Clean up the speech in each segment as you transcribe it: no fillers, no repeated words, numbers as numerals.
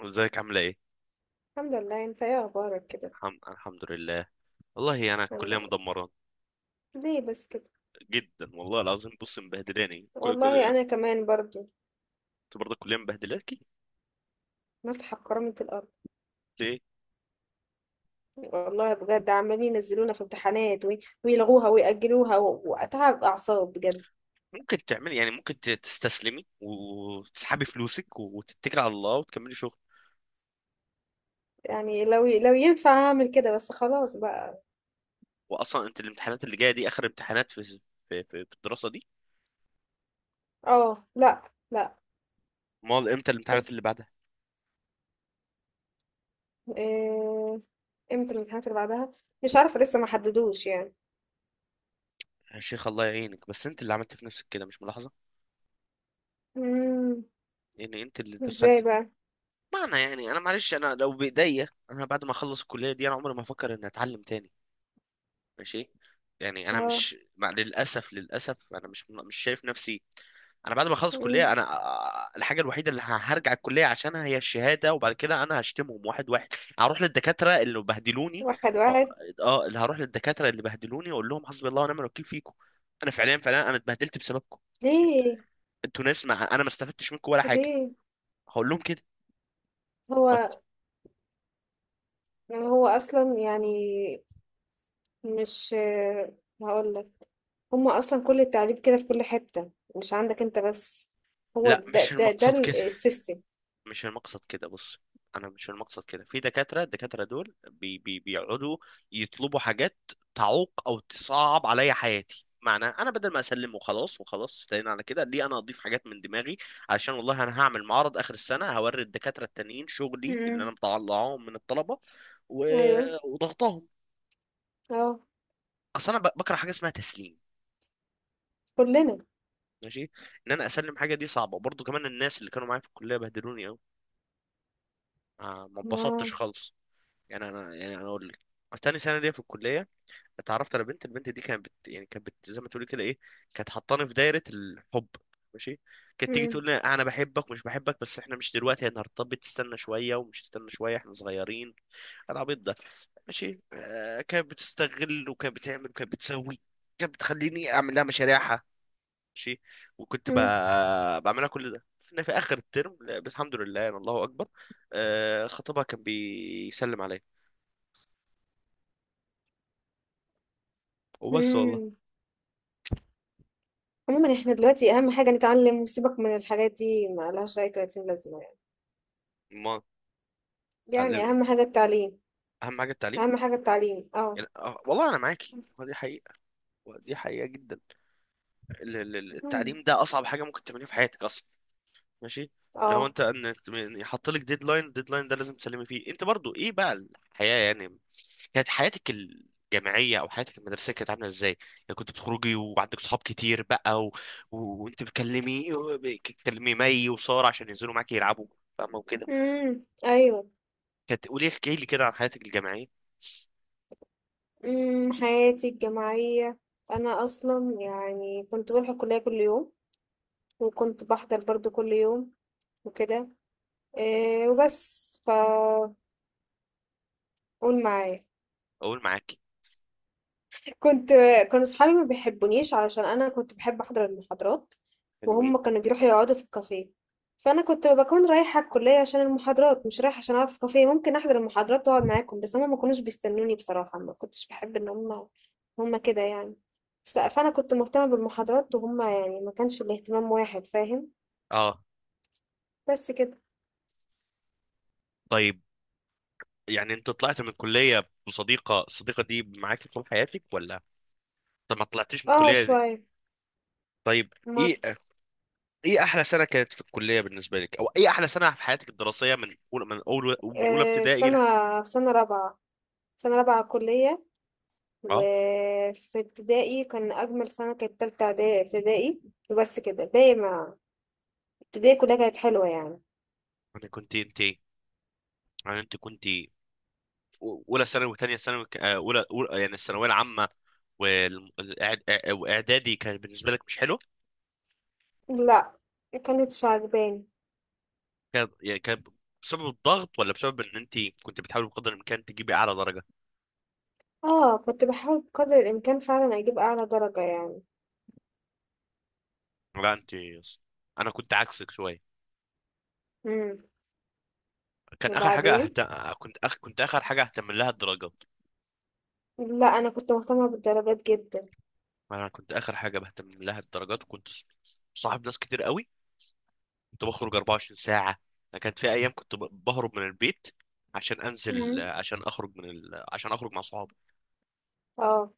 ازيك عاملة ايه؟ الحمد لله، انت ايه اخبارك كده؟ الحمد لله. والله انا الحمد الكلية لله. مدمرة ليه بس كده؟ جدا، والله العظيم. بص مبهدلاني كل والله كل انا كمان برضو انت برضه الكلية مبهدلاكي نصحى بكرامة الارض. ليه؟ والله بجد عمالين ينزلونا في امتحانات ويلغوها ويأجلوها واتعب اعصاب بجد. ممكن تعملي، يعني ممكن تستسلمي وتسحبي فلوسك وتتكلي على الله وتكملي شغل. يعني لو ينفع اعمل كده بس خلاص بقى. واصلا انت الامتحانات اللي جاية دي اخر امتحانات في في الدراسة دي؟ اه، لا. لا. امال امتى الامتحانات بس اللي بعدها؟ إيه، امتى الامتحانات اللي بعدها؟ مش عارفة، لسه ما حددوش يعني. يا شيخ الله يعينك، بس انت اللي عملت في نفسك كده، مش ملاحظة؟ مم. يعني انت اللي ازاي دخلت. بقى؟ معنى يعني، انا معلش، انا لو بايديا انا بعد ما اخلص الكلية دي انا عمري ما افكر اني اتعلم تاني. ماشي. يعني انا اه. مش مع، للاسف للاسف، انا مش شايف نفسي. انا بعد ما اخلص الكليه مم. انا الحاجه الوحيده اللي هرجع الكليه عشانها هي الشهاده، وبعد كده انا هشتمهم واحد واحد. هروح للدكاتره اللي بهدلوني. واحد اه، واحد. اللي هروح للدكاتره اللي بهدلوني واقول لهم حسبي الله ونعم الوكيل فيكم. انا فعليا فعليا انا اتبهدلت بسببكم. ليه؟ انتوا ناس، ما انا ما استفدتش منكم ولا حاجه. ليه؟ هقول لهم كده. وات. هو يعني هو اصلا يعني مش، هقول لك، هما اصلا كل التعليم كده في كل حتة، مش عندك انت بس. هو لا ده مش ده المقصد كده، السيستم. مش المقصد كده. بص انا مش المقصد كده، في دكاتره، الدكاتره دول بي بيقعدوا يطلبوا حاجات تعوق او تصعب عليا حياتي. معنى انا بدل ما اسلم وخلاص، وخلاص استنينا على كده، ليه انا اضيف حاجات من دماغي؟ علشان والله انا هعمل معرض اخر السنه، هوري الدكاتره التانيين شغلي اللي انا مم. مطلعهم من الطلبه و... ايوه. وضغطهم. اه. اصل انا بكره حاجه اسمها تسليم. كلنا. ماشي. انا اسلم حاجه دي صعبه برضو. كمان الناس اللي كانوا معايا في الكليه بهدلوني قوي، ما اتبسطتش اه. خالص. يعني انا اقول لك، تاني سنه ليا في الكليه اتعرفت على بنت، البنت دي كانت بت... يعني كانت بت... زي ما تقولي كده ايه، كانت حطاني في دايره الحب. ماشي. كانت تيجي مم. تقول لي انا بحبك مش بحبك، بس احنا مش دلوقتي، احنا هنرتبط، تستنى شويه، ومش تستنى شويه، احنا صغيرين. العبيط ده. ماشي. آه كانت بتستغل وكانت بتعمل وكانت بتسوي، كانت بتخليني اعمل لها مشاريعها. ماشي. وكنت مم. بقى... بعملها كل ده في في اخر الترم. لا، بس الحمد لله، يعني الله اكبر. آه، خطيبها كان بيسلم عليا. وبس والله. مم. عموما احنا دلوقتي اهم حاجة نتعلم، وسيبك من الحاجات دي، ما لهاش اي 30 لازمة يعني. ما يعني علم. اهم حاجة التعليم. اهم حاجه التعليم. اهم حاجة التعليم، اه. يعني والله انا معاكي، هو دي حقيقه، ودي حقيقه جدا. مم. التعليم ده اصعب حاجه ممكن تعمليها في حياتك اصلا. ماشي. اللي هو اه. انت ان، إن يحط لك ديدلاين، الديدلاين ده لازم تسلمي فيه. انت برضو ايه بقى الحياه؟ يعني كانت حياتك الجامعيه او حياتك المدرسيه كانت عامله ازاي؟ يعني كنت بتخرجي وعندك صحاب كتير بقى و... و... وانت بتكلمي مي وساره عشان ينزلوا معاكي يلعبوا، فاهمه وكده؟ مم. ايوه. كانت، قولي احكي لي كده عن حياتك الجامعيه. حياتي الجامعية، أنا أصلا يعني كنت بروح الكلية كل يوم، وكنت بحضر برضو كل يوم، وكده. إيه وبس، فقول معايا. اقول معاكي. كنت، كانوا صحابي ما بيحبونيش علشان انا كنت بحب احضر المحاضرات، حلوين. وهم كانوا بيروحوا يقعدوا في الكافيه. فانا كنت بكون رايحه الكليه عشان المحاضرات، مش رايحه عشان اقعد في كافيه. ممكن احضر المحاضرات واقعد معاكم، بس هم ما كانوش بيستنوني بصراحه. ما كنتش بحب ان هم كده يعني. فانا كنت مهتمه بالمحاضرات، وهم يعني ما كانش الاهتمام واحد، فاهم؟ اه. بس كده. طيب يعني انت طلعت من الكلية بصديقة، الصديقة دي معاك طول حياتك ولا؟ طب ما طلعتيش من اه الكلية دي. شويه. طيب. ما، ايه ايه احلى سنة كانت في الكلية بالنسبة لك، او ايه احلى سنة في حياتك الدراسية من اولى، من اول، من اولى آه، في ابتدائي سنه، لح... في سنه رابعه، سنه رابعه كليه. اه. وفي ابتدائي كان أجمل سنة كانت تالتة إعدادي ابتدائي. وبس كده باقي، ما، ابتدائي كلها كانت حلوة يعني. انا كنت انت انا انت كنت في اولى ثانوي وثانية ثانوي، يعني الثانوية العامة. واعدادي كان بالنسبة لك مش حلو؟ لا مكانتش عجباني. كان يعني كان بسبب الضغط ولا بسبب ان انت كنت بتحاولي بقدر الامكان تجيبي اعلى درجة؟ اه، كنت بحاول بقدر الإمكان فعلا أجيب أعلى درجة يعني. لا انت، انا كنت عكسك شوية. مم. كان اخر حاجه وبعدين، أهت... كنت اخر حاجه اهتم لها الدرجات. لا أنا كنت مهتمة بالدرجات جدا. انا كنت اخر حاجه بهتم لها الدرجات، وكنت صاحب ناس كتير قوي. كنت بخرج 24 ساعه. أنا كانت في ايام كنت بهرب من البيت، عشان انزل، مم. عشان اخرج من ال... عشان اخرج مع صحابي. اه.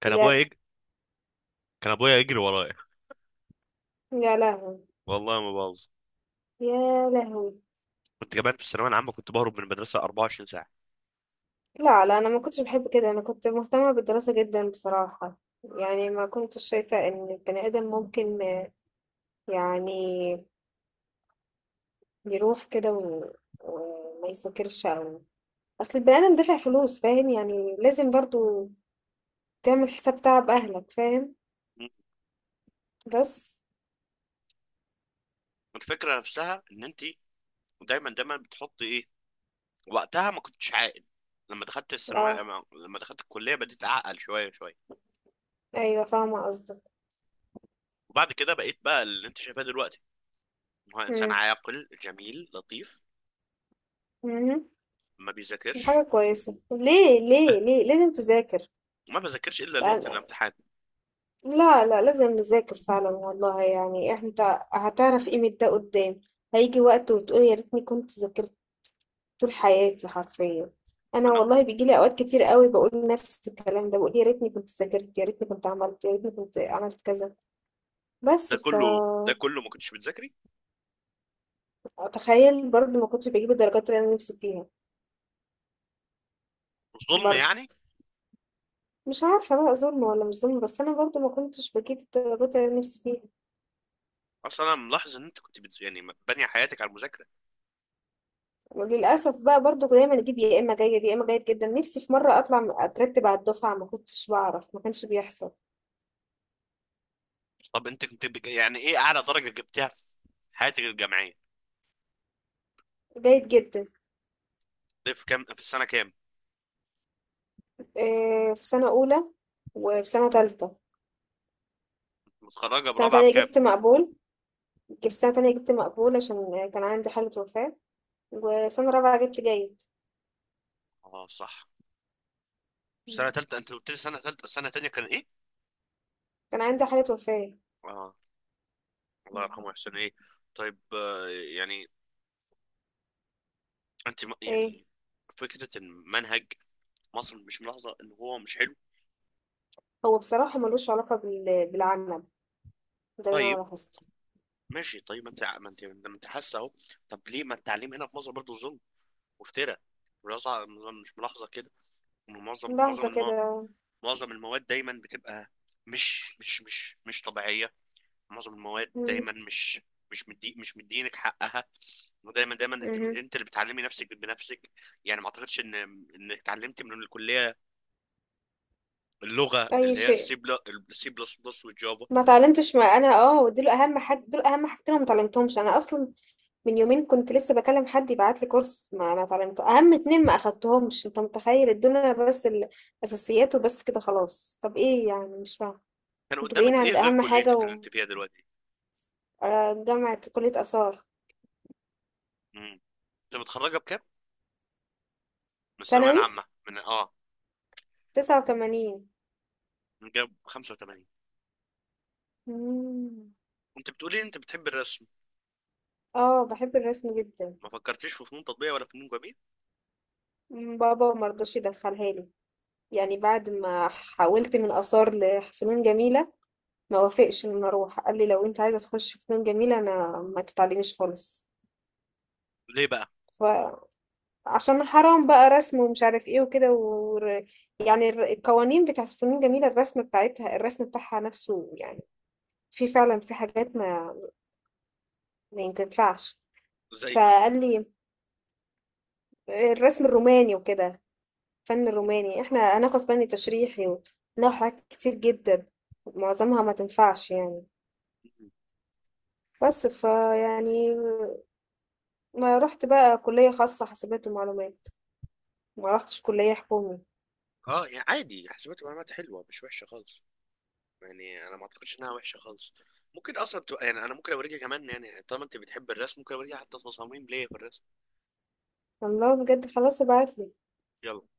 كان ابويا بجد. يج... كان ابويا يجري ورايا، يا لهوي. والله ما بهزر. يا لهوي. كنت كمان في الثانويه العامه كنت بهرب من المدرسه 24 ساعه. لا لا، أنا ما كنتش بحب كده، أنا كنت مهتمة بالدراسة جدا بصراحة. يعني ما كنتش شايفة إن البني آدم ممكن يعني يروح كده، وما يذاكرش، أو، أصل البني آدم دافع فلوس، فاهم يعني؟ لازم برضو تعمل حساب تعب أهلك، فاهم؟ م. بس. الفكره نفسها ان انت، دايما بتحطي ايه، وقتها ما كنتش عاقل. لما دخلت الثانويه، اه. لما دخلت الكليه، بديت اعقل شويه شويه. أيوة فاهمة قصدك. وبعد كده بقيت بقى اللي انت شايفاه دلوقتي، إن هو انسان مم. عاقل جميل لطيف. مم. ما دي حاجة بيذاكرش، كويسة، ليه ليه ليه لازم تذاكر؟ وما بذاكرش الا ليله أنا- الامتحان. لا لا، لازم نذاكر فعلا والله. يعني انت هتعرف قيمة ده قدام، هيجي وقت وتقول يا ريتني كنت ذاكرت. طول حياتي حرفيا، انا انا. والله بيجي لي اوقات كتير قوي بقول نفس الكلام ده، بقول يا ريتني كنت ذاكرت، يا ريتني كنت عملت، يا ريتني كنت عملت كذا. بس ده ف كله، ده كله ما كنتش بتذاكري، تخيل، برضو ما كنتش بجيب الدرجات اللي انا نفسي فيها. ظلم برضو يعني. مش عارفه بقى ظلم ولا مش ظلم، بس انا برضو ما كنتش بجيب الدرجات اللي انا نفسي فيها. اصلا انا ملاحظ ان انت كنت بتز... يعني بانيه حياتك على المذاكره. وللاسف بقى برضو دايما اجيب يا اما جيد يا اما جيد جدا. نفسي في مره اترتب على الدفعه، ما كنتش بعرف، ما كانش بيحصل. طب انت كنت بج... يعني ايه اعلى درجه جبتها في حياتك الجامعيه؟ جيد جدا. ده في كام، في السنه كام؟ آه، في سنه اولى، وفي سنه تالتة. متخرجه في سنة برابعه تانية بكام؟ جبت مقبول. جبت سنة تانية جبت مقبول عشان كان عندي حالة وفاة. وسنة رابعة جبت جيد. اه صح. سنه ثالثه انت قلت لي، سنه ثالثه، سنه ثانيه كان ايه؟ كان عندي حالة وفاة. اه، الله يرحمه يحسن ايه. طيب يعني انت ايه، يعني فكرة المنهج مصر، مش ملاحظه ان هو مش حلو؟ هو بصراحة ملوش علاقة بالعمل، ده اللي انا طيب لاحظته. ماشي، طيب ما انت، ما انت، ما انت حاسه اهو. طب ليه ما التعليم هنا في مصر برضه ظلم وافتراء؟ ملاحظة- مش ملاحظه كده إن معظم لحظة الم... كده. معظم المواد دايما بتبقى مش طبيعيه؟ معظم المواد مم. دايما مش مش مدينك حقها، ودايما انت مهم. انت اللي بتعلمي نفسك بنفسك. يعني ما اعتقدش ان، انك اتعلمت من الكليه اللغه اي اللي هي السي شيء بلس، السي بلس بلس والجافا. ما اتعلمتش. ما انا اه دول اهم حاجة، دول اهم حاجتين أنا ما اتعلمتهمش انا اصلا. من يومين كنت لسه بكلم حد يبعت لي كورس، ما اتعلمته. اهم اتنين ما اخدتهمش، انت متخيل الدنيا؟ بس الاساسيات وبس كده خلاص. طب ايه يعني؟ مش فاهمه. كان انتوا جايين قدامك ايه عند غير اهم حاجة. كليتك اللي انت فيها دلوقتي؟ جامعة كلية آثار. انت متخرجه بكام؟ من الثانويه ثانوي العامه، من اه، 89. من جاب 85؟ مم. انت بتقولي انت بتحب الرسم، اه بحب الرسم جدا. ما فكرتيش في فنون تطبيقيه ولا فنون جميل؟ بابا مرضاش يدخلها لي. يعني بعد ما حاولت من آثار لفنون جميلة، ما وافقش ان أنا اروح. قال لي لو انت عايزة تخش فنون جميلة، انا ما تتعلميش خالص. ليه بقى؟ فعشان، حرام بقى رسم ومش عارف ايه وكده، يعني القوانين بتاعت فنون جميلة، الرسم بتاعتها، الرسم بتاعها نفسه يعني، في فعلا في حاجات ما، ما ينفعش. ازاي؟ فقال لي الرسم الروماني وكده، فن الروماني، احنا هناخد فن تشريحي وناخد حاجات كتير جدا، معظمها ما تنفعش يعني. بس ف يعني ما رحت بقى كلية خاصة حاسبات ومعلومات، ما رحتش كلية حكومي. اه يعني عادي، حسابات ومعلومات حلوه، مش وحشه خالص، يعني انا ما اعتقدش انها وحشه خالص. ممكن اصلا تبقى، يعني انا ممكن اوريكي كمان، يعني طالما انت بتحب الرسم ممكن اوريكي حتى تصاميم ليا في الرسم. الله بجد، خلاص ابعتلي. يلا.